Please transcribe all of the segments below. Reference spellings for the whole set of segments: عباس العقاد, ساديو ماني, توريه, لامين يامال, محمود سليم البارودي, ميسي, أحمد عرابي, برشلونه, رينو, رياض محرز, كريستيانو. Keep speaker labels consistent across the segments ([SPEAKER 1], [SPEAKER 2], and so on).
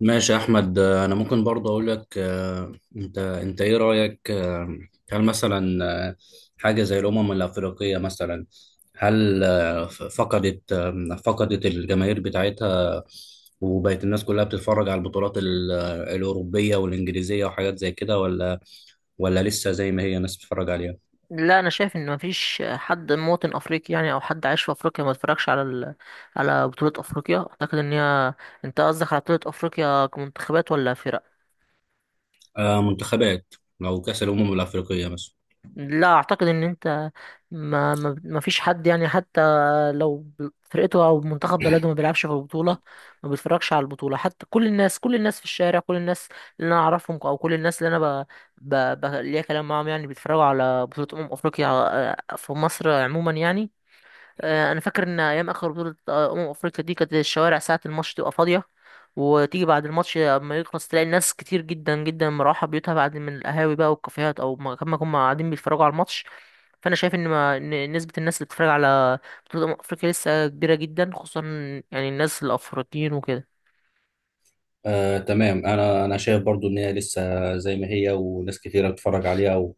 [SPEAKER 1] ماشي يا احمد. انا ممكن برضه اقول لك، انت ايه رايك؟ هل مثلا حاجه زي الامم الافريقيه مثلا هل آه، ف- فقدت آه، فقدت الجماهير بتاعتها، وبقت الناس كلها بتتفرج على البطولات الاوروبيه والانجليزيه وحاجات زي كده، ولا لسه زي ما هي الناس بتتفرج عليها؟
[SPEAKER 2] لا انا شايف ان مفيش حد مواطن افريقي يعني او حد عايش في افريقيا ما اتفرجش على على بطولة افريقيا. اعتقد ان هي انت قصدك على بطولة افريقيا كمنتخبات ولا فرق.
[SPEAKER 1] منتخبات، او كاس الامم الافريقيه مثلا.
[SPEAKER 2] لا اعتقد ان انت ما فيش حد يعني، حتى لو فرقته او منتخب بلده ما بيلعبش في البطولة ما بيتفرجش على البطولة. حتى كل الناس، كل الناس في الشارع، كل الناس اللي انا اعرفهم او كل الناس اللي انا ليا كلام معاهم يعني بيتفرجوا على بطولة افريقيا. في مصر عموما يعني. انا فاكر ان ايام اخر بطوله افريقيا دي كانت الشوارع ساعه الماتش تبقى فاضيه، وتيجي بعد الماتش اما يخلص تلاقي الناس كتير جدا جدا مروحه بيوتها بعد من القهاوي بقى والكافيهات او ما كما هم قاعدين بيتفرجوا على الماتش. فانا شايف ان ما إن نسبه الناس اللي بتتفرج على بطوله افريقيا لسه كبيره جدا، خصوصا يعني الناس الافريقيين وكده.
[SPEAKER 1] تمام. انا شايف برضو ان هي لسه زي ما هي، وناس كتيره بتتفرج عليها،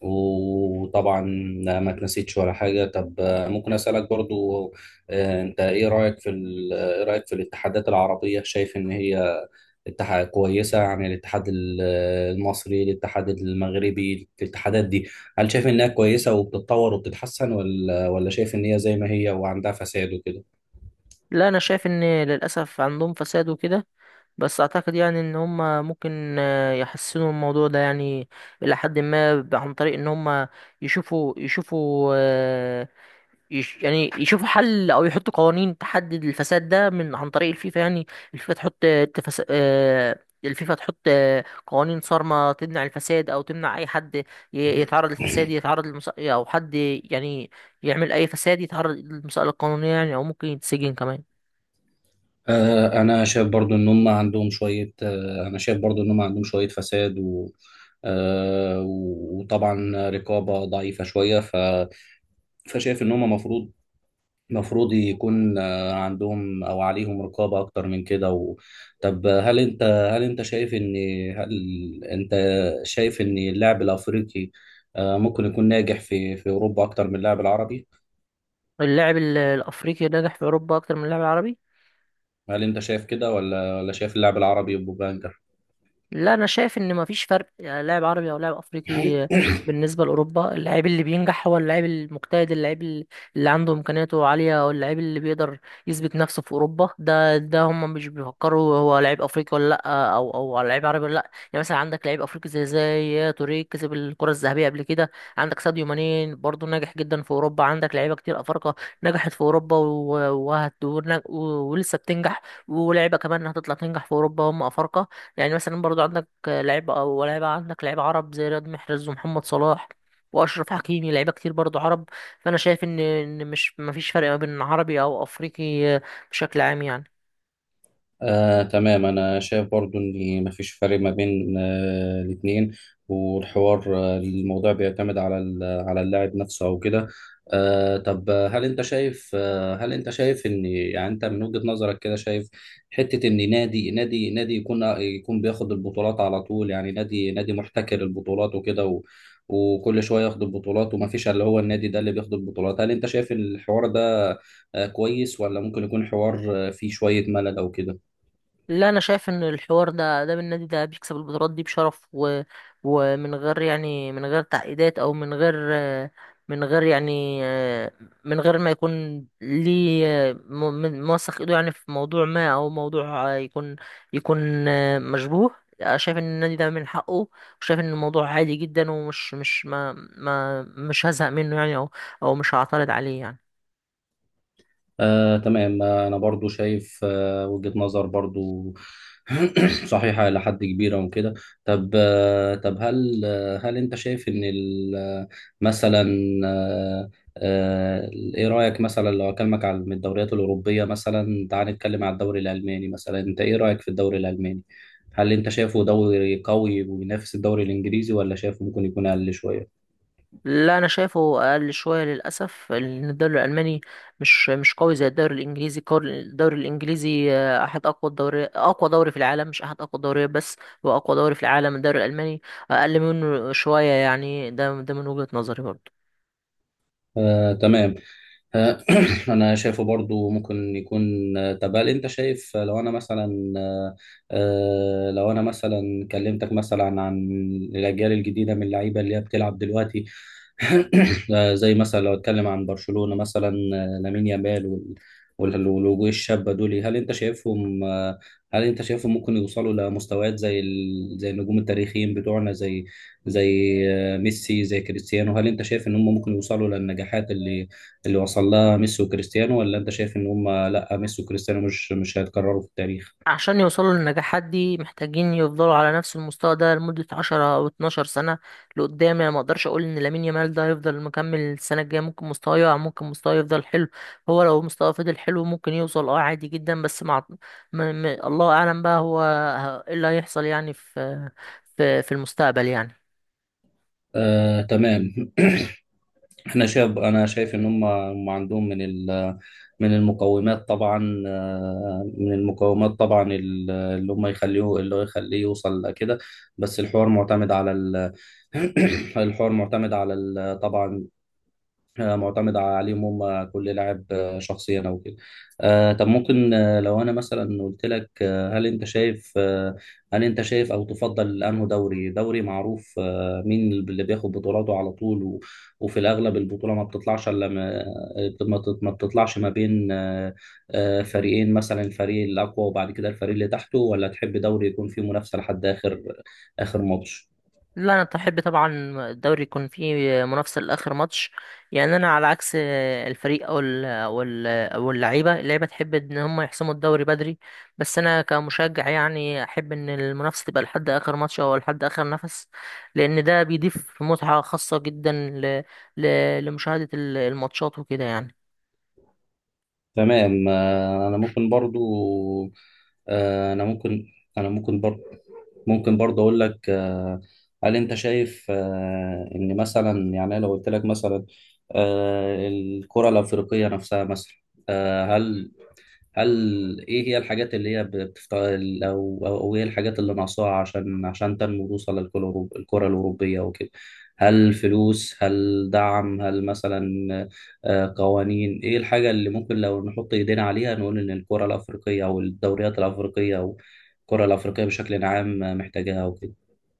[SPEAKER 1] وطبعا ما اتنسيتش ولا حاجة. طب ممكن أسألك برضو، انت ايه رأيك في ايه رأيك في الاتحادات العربية؟ شايف ان هي اتحاد كويسة؟ يعني المصري، الاتحاد المغربي، الاتحادات دي هل شايف انها كويسة وبتتطور وبتتحسن، ولا شايف ان هي زي ما هي وعندها فساد وكده؟
[SPEAKER 2] لا انا شايف ان للاسف عندهم فساد وكده، بس اعتقد يعني ان هم ممكن يحسنوا الموضوع ده يعني الى حد ما عن طريق ان هم يشوفوا يش يعني يشوفوا حل او يحطوا قوانين تحدد الفساد ده من عن طريق الفيفا يعني. الفيفا تحط آه، تفس... آه، الفيفا تحط قوانين صارمة تمنع الفساد او تمنع اي حد يتعرض للفساد، يتعرض او حد يعني يعمل اي فساد يتعرض للمسألة القانونية يعني، او ممكن يتسجن كمان.
[SPEAKER 1] آه، انا شايف برضو ان هم عندهم شوية آه، انا شايف برضو ان هم عندهم شوية فساد، و وطبعا رقابة ضعيفة شوية، فشايف ان هم المفروض يكون عندهم او عليهم رقابه اكتر من كده. و... طب هل انت شايف ان هل انت شايف ان اللاعب الافريقي ممكن يكون ناجح في اوروبا اكتر من اللاعب العربي؟
[SPEAKER 2] اللاعب الافريقي نجح في اوروبا اكتر من اللاعب العربي.
[SPEAKER 1] هل انت شايف كده، ولا شايف اللاعب العربي بيبقى انجح؟
[SPEAKER 2] لا انا شايف ان مفيش فرق يعني لاعب عربي او لاعب افريقي. بالنسبه لاوروبا، اللاعب اللي بينجح هو اللاعب المجتهد، اللاعب اللي عنده امكانياته عاليه، او اللاعب اللي بيقدر يثبت نفسه في اوروبا. ده هم مش بيفكروا هو لاعب افريقي ولا لا، او او لاعب عربي ولا لا، يعني مثلا عندك لاعب افريقي زي توريه كسب الكره الذهبيه قبل كده، عندك ساديو ماني برضه ناجح جدا في اوروبا، عندك لعيبه كتير افارقه نجحت في اوروبا ولسه بتنجح، ولاعيبه كمان هتطلع تنجح في اوروبا هم افارقه. يعني مثلا برضو عندك لعيبة عرب زي رياض محرز ومحمد صلاح وأشرف حكيمي، لعيبة كتير برضو عرب. فأنا شايف إن إن مش مفيش فرق ما بين عربي أو أفريقي بشكل عام يعني.
[SPEAKER 1] تمام. أنا شايف برضو إن مفيش فرق ما بين الاتنين، والحوار آه، الموضوع بيعتمد على على اللاعب نفسه أو كده. آه، طب آه، هل أنت شايف آه، هل أنت شايف إن، يعني أنت من وجهة نظرك كده، شايف حتة إن نادي يكون يكون بياخد البطولات على طول؟ يعني نادي محتكر البطولات وكده، و وكل شويه ياخد البطولات، ومفيش الا هو النادي ده اللي بياخد البطولات. هل انت شايف الحوار ده كويس، ولا ممكن يكون حوار فيه شويه ملل او كده؟
[SPEAKER 2] لا انا شايف ان الحوار ده، بالنادي ده بيكسب البطولات دي بشرف ومن غير يعني، من غير تعقيدات، او من غير، من غير يعني من غير ما يكون ليه موثق ايده يعني في موضوع ما، او موضوع يكون يكون مشبوه. شايف ان النادي ده من حقه، وشايف ان الموضوع عادي جدا، ومش مش ما ما مش هزهق منه يعني، او او مش هعترض عليه يعني.
[SPEAKER 1] تمام. أنا برضو شايف وجهة نظر برضو صحيحة إلى حد كبير وكده. طب آه، طب هل آه، هل أنت شايف إن ال- آه، مثلا آه، آه، إيه رأيك مثلا لو أكلمك عن الدوريات الأوروبية؟ مثلا تعال نتكلم عن الدوري الألماني مثلا. أنت إيه رأيك في الدوري الألماني؟ هل أنت شايفه دوري قوي وينافس الدوري الإنجليزي، ولا شايفه ممكن يكون أقل شوية؟
[SPEAKER 2] لا انا شايفه اقل شويه للاسف، لان الدوري الالماني مش قوي زي الدوري الانجليزي. الدوري الانجليزي احد اقوى اقوى دوري في العالم، مش احد اقوى الدوريات بس، هو اقوى دوري في العالم. الدوري الالماني اقل منه شويه يعني، ده من وجهه نظري برضه.
[SPEAKER 1] تمام. آه، انا شايفه برضو ممكن يكون آه، طب هل انت شايف آه، لو انا مثلا آه، آه، لو انا مثلا كلمتك مثلا عن الاجيال الجديده من اللعيبه اللي هي بتلعب دلوقتي، زي مثلا لو اتكلم عن برشلونة مثلا، لامين يامال والوجوه الشابة دول. هل انت شايفهم ممكن يوصلوا لمستويات زي ال... زي النجوم التاريخيين بتوعنا؟ زي زي ميسي، زي كريستيانو. هل انت شايف ان هم ممكن يوصلوا للنجاحات اللي اللي وصل لها ميسي وكريستيانو، ولا انت شايف ان هم لا، ميسي وكريستيانو مش هيتكرروا في التاريخ؟
[SPEAKER 2] عشان يوصلوا للنجاحات دي محتاجين يفضلوا على نفس المستوى ده لمدة عشرة أو اتناشر سنة لقدام يعني. مقدرش أقول إن لامين يامال ده هيفضل مكمل السنة الجاية، ممكن مستواه يقع، ممكن مستواه يفضل حلو. هو لو مستواه فضل حلو ممكن يوصل، أه عادي جدا، بس مع الله أعلم بقى هو إيه اللي هيحصل يعني في في المستقبل يعني.
[SPEAKER 1] تمام. احنا شايف انا شايف ان هم عندهم من ال من المقومات. طبعا من المقومات طبعا اللي هو يخليه يوصل لكده. بس الحوار معتمد على الحوار معتمد على ال- طبعا معتمد عليهم هم، كل لاعب شخصيا او كده. آه، طب ممكن آه، لو انا مثلا قلت لك آه، هل انت شايف آه، هل انت شايف او تفضل انه دوري معروف مين اللي بياخد بطولاته على طول، وفي الاغلب البطوله ما بتطلعش الا ما بتطلعش ما بين فريقين مثلا، الفريق الاقوى وبعد كده الفريق اللي تحته، ولا تحب دوري يكون فيه منافسه لحد اخر ماتش؟
[SPEAKER 2] لا انا احب طبعا الدوري يكون فيه منافسه لاخر ماتش. يعني انا على عكس الفريق او ال او ال او اللعيبه، اللعيبه تحب ان هم يحسموا الدوري بدري، بس انا كمشجع يعني احب ان المنافسه تبقى لحد اخر ماتش او لحد اخر نفس، لان ده بيضيف متعه خاصه جدا ل ل لمشاهده الماتشات وكده يعني.
[SPEAKER 1] تمام. آه، انا ممكن برضو آه، انا ممكن انا ممكن برضو ممكن برضو اقول لك هل انت شايف ان مثلا، يعني أنا لو قلت لك مثلا الكرة الافريقية نفسها مثلا، آه، هل هل ايه هي الحاجات اللي هي بتفتقد، او ايه الحاجات اللي ناقصاها عشان تنمو وتوصل للكرة الكرة الأوروبية وكده؟ هل فلوس، هل دعم، هل مثلا قوانين؟ ايه الحاجة اللي ممكن لو نحط ايدينا عليها نقول ان الكرة الأفريقية، او الدوريات الأفريقية، او الكرة الأفريقية بشكل عام، محتاجاها وكده؟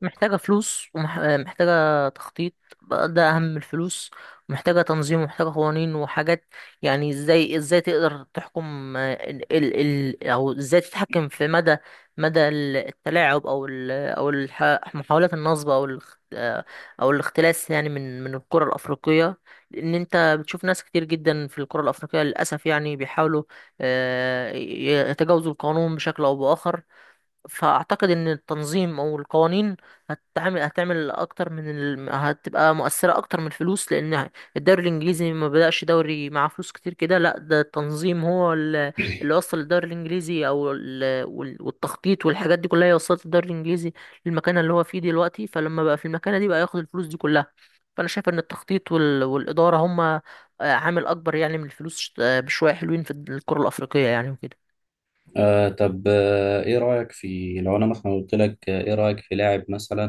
[SPEAKER 2] محتاجة فلوس ومحتاجة تخطيط، بقى ده أهم من الفلوس، ومحتاجة تنظيم ومحتاجة قوانين وحاجات. يعني ازاي تقدر تحكم ال ال ال أو ازاي تتحكم في مدى التلاعب، أو محاولات النصب، أو الاختلاس يعني من القرى الأفريقية. لأن أنت بتشوف ناس كتير جدا في القرى الأفريقية للأسف يعني بيحاولوا يتجاوزوا القانون بشكل أو بآخر. فاعتقد ان التنظيم او القوانين هتعمل اكتر من هتبقى مؤثره اكتر من الفلوس، لان الدوري الانجليزي ما بدأش دوري معاه فلوس كتير كده، لا ده التنظيم هو اللي وصل الدوري الانجليزي، او والتخطيط والحاجات دي كلها هي وصلت الدوري الانجليزي للمكانه اللي هو فيه دلوقتي، فلما بقى في المكانه دي بقى ياخد الفلوس دي كلها. فانا شايف ان التخطيط والاداره هما عامل اكبر يعني من الفلوس بشويه حلوين في الكره الافريقيه يعني وكده.
[SPEAKER 1] آه طب آه، ايه رأيك في لو انا مثلا قلت لك آه، ايه رأيك في لاعب مثلا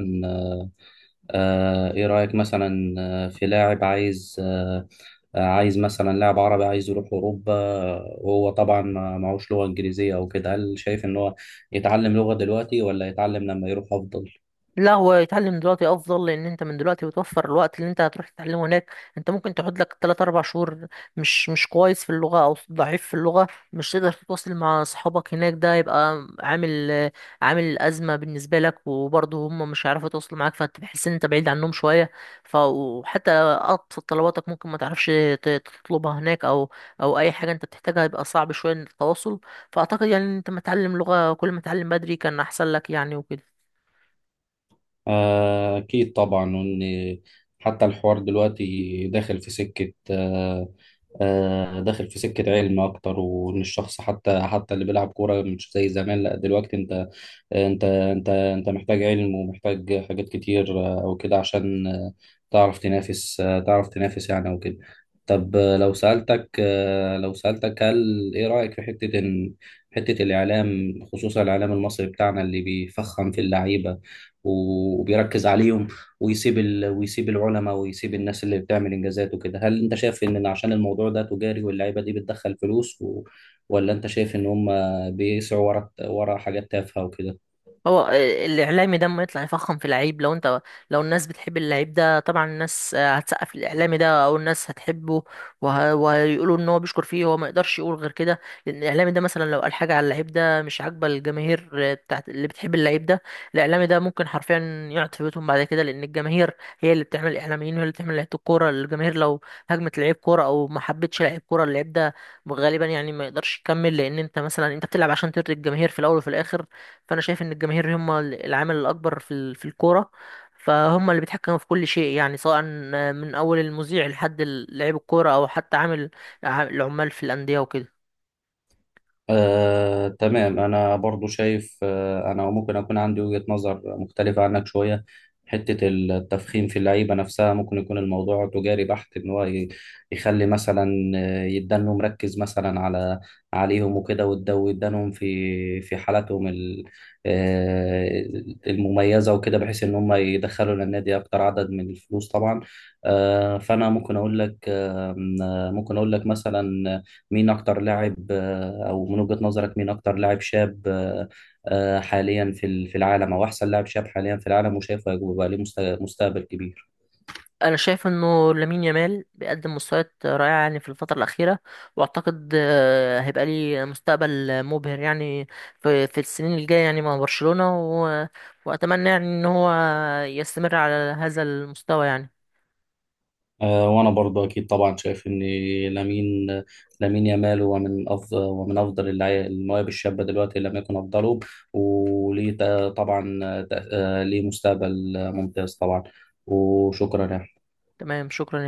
[SPEAKER 1] آه، ايه رأيك مثلا آه، في لاعب عايز آه، آه، عايز، مثلا لاعب عربي عايز يروح اوروبا وهو طبعا معهوش لغة انجليزية او كده، هل شايف ان هو يتعلم لغة دلوقتي، ولا يتعلم لما يروح افضل؟
[SPEAKER 2] لا هو يتعلم دلوقتي افضل، لان انت من دلوقتي بتوفر الوقت اللي انت هتروح تتعلمه هناك. انت ممكن تقعد لك 3 4 شهور مش مش كويس في اللغه او ضعيف في اللغه، مش تقدر تتواصل مع اصحابك هناك، ده يبقى عامل ازمه بالنسبه لك، وبرضه هم مش هيعرفوا يتواصلوا معاك، فتحس ان انت بعيد عنهم شويه. ف وحتى ابسط طلباتك ممكن ما تعرفش تطلبها هناك، او او اي حاجه انت بتحتاجها يبقى صعب شويه إن التواصل. فاعتقد يعني انت ما تتعلم لغه كل ما تتعلم بدري كان احسن لك يعني وكده.
[SPEAKER 1] أكيد طبعا. وإن حتى الحوار دلوقتي داخل في سكة داخل في سكة علم أكتر، وإن الشخص حتى اللي بيلعب كورة مش زي زمان. لأ دلوقتي أنت محتاج علم ومحتاج حاجات كتير أو كده، عشان تعرف تنافس يعني أو كده. طب لو سألتك، هل إيه رأيك في حتة إن الإعلام، خصوصا الإعلام المصري بتاعنا، اللي بيفخم في اللعيبة وبيركز عليهم، ويسيب ال... ويسيب العلماء، ويسيب الناس اللي بتعمل انجازات وكده؟ هل انت شايف ان عشان الموضوع ده تجاري واللعيبه دي بتدخل فلوس و...، ولا انت شايف ان هم بيسعوا ورا حاجات تافهه وكده؟
[SPEAKER 2] هو الاعلامي ده اما يطلع يفخم في لعيب، لو انت لو الناس بتحب اللعيب ده، طبعا الناس هتسقف الاعلامي ده او الناس هتحبه، وهيقولوا ان هو بيشكر فيه، هو ما يقدرش يقول غير كده، لان الاعلامي ده مثلا لو قال حاجه على اللعيب ده مش عاجبه الجماهير بتاعت اللي بتحب اللعيب ده، الاعلامي ده ممكن حرفيا يقعد في بيتهم بعد كده، لان الجماهير هي اللي بتعمل الاعلاميين وهي اللي بتعمل لعيبه الكوره. الجماهير لو هجمت لعيب كوره او ما حبتش لعيب كوره، اللعيب ده غالبا يعني ما يقدرش يكمل، لان انت مثلا انت بتلعب عشان ترضي الجماهير في الاول وفي الاخر. فانا شايف ان الجماهير هم العامل الاكبر في في الكوره، فهم اللي بيتحكموا في كل شيء يعني، سواء من اول المذيع لحد لعيب الكوره او حتى العمال في الانديه وكده.
[SPEAKER 1] تمام. أنا برضو شايف أنا ممكن أكون عندي وجهة نظر مختلفة عنك شوية. حتة التفخيم في اللعيبة نفسها ممكن يكون الموضوع تجاري بحت، إن هو يخلي مثلا يدانه مركز مثلا على عليهم وكده، ويدانهم في في حالاتهم آه، المميزة وكده، بحيث إن هم يدخلوا للنادي أكتر عدد من الفلوس طبعا. آه، فأنا ممكن أقول لك آه، ممكن أقول لك مثلا، مين أكتر لاعب أو من وجهة نظرك مين أكتر لاعب شاب حاليا في في العالم، أو أحسن لاعب شاب حاليا في العالم، وشايفه هيبقى بقى ليه مستقبل كبير؟
[SPEAKER 2] انا شايف انه لامين يامال بيقدم مستويات رائعه يعني في الفتره الاخيره، واعتقد هيبقى ليه مستقبل مبهر يعني في السنين الجايه يعني مع برشلونه واتمنى يعني ان هو يستمر على هذا المستوى يعني.
[SPEAKER 1] وأنا برضه أكيد طبعا شايف إن لامين لامين يامال هو من أفضل ومن أفضل المواهب الشابة دلوقتي، إن لم يكن أفضله، وليه ت- طبعا آه، تأ- آه، ليه مستقبل ممتاز طبعا. وشكرا يا
[SPEAKER 2] تمام، شكرا.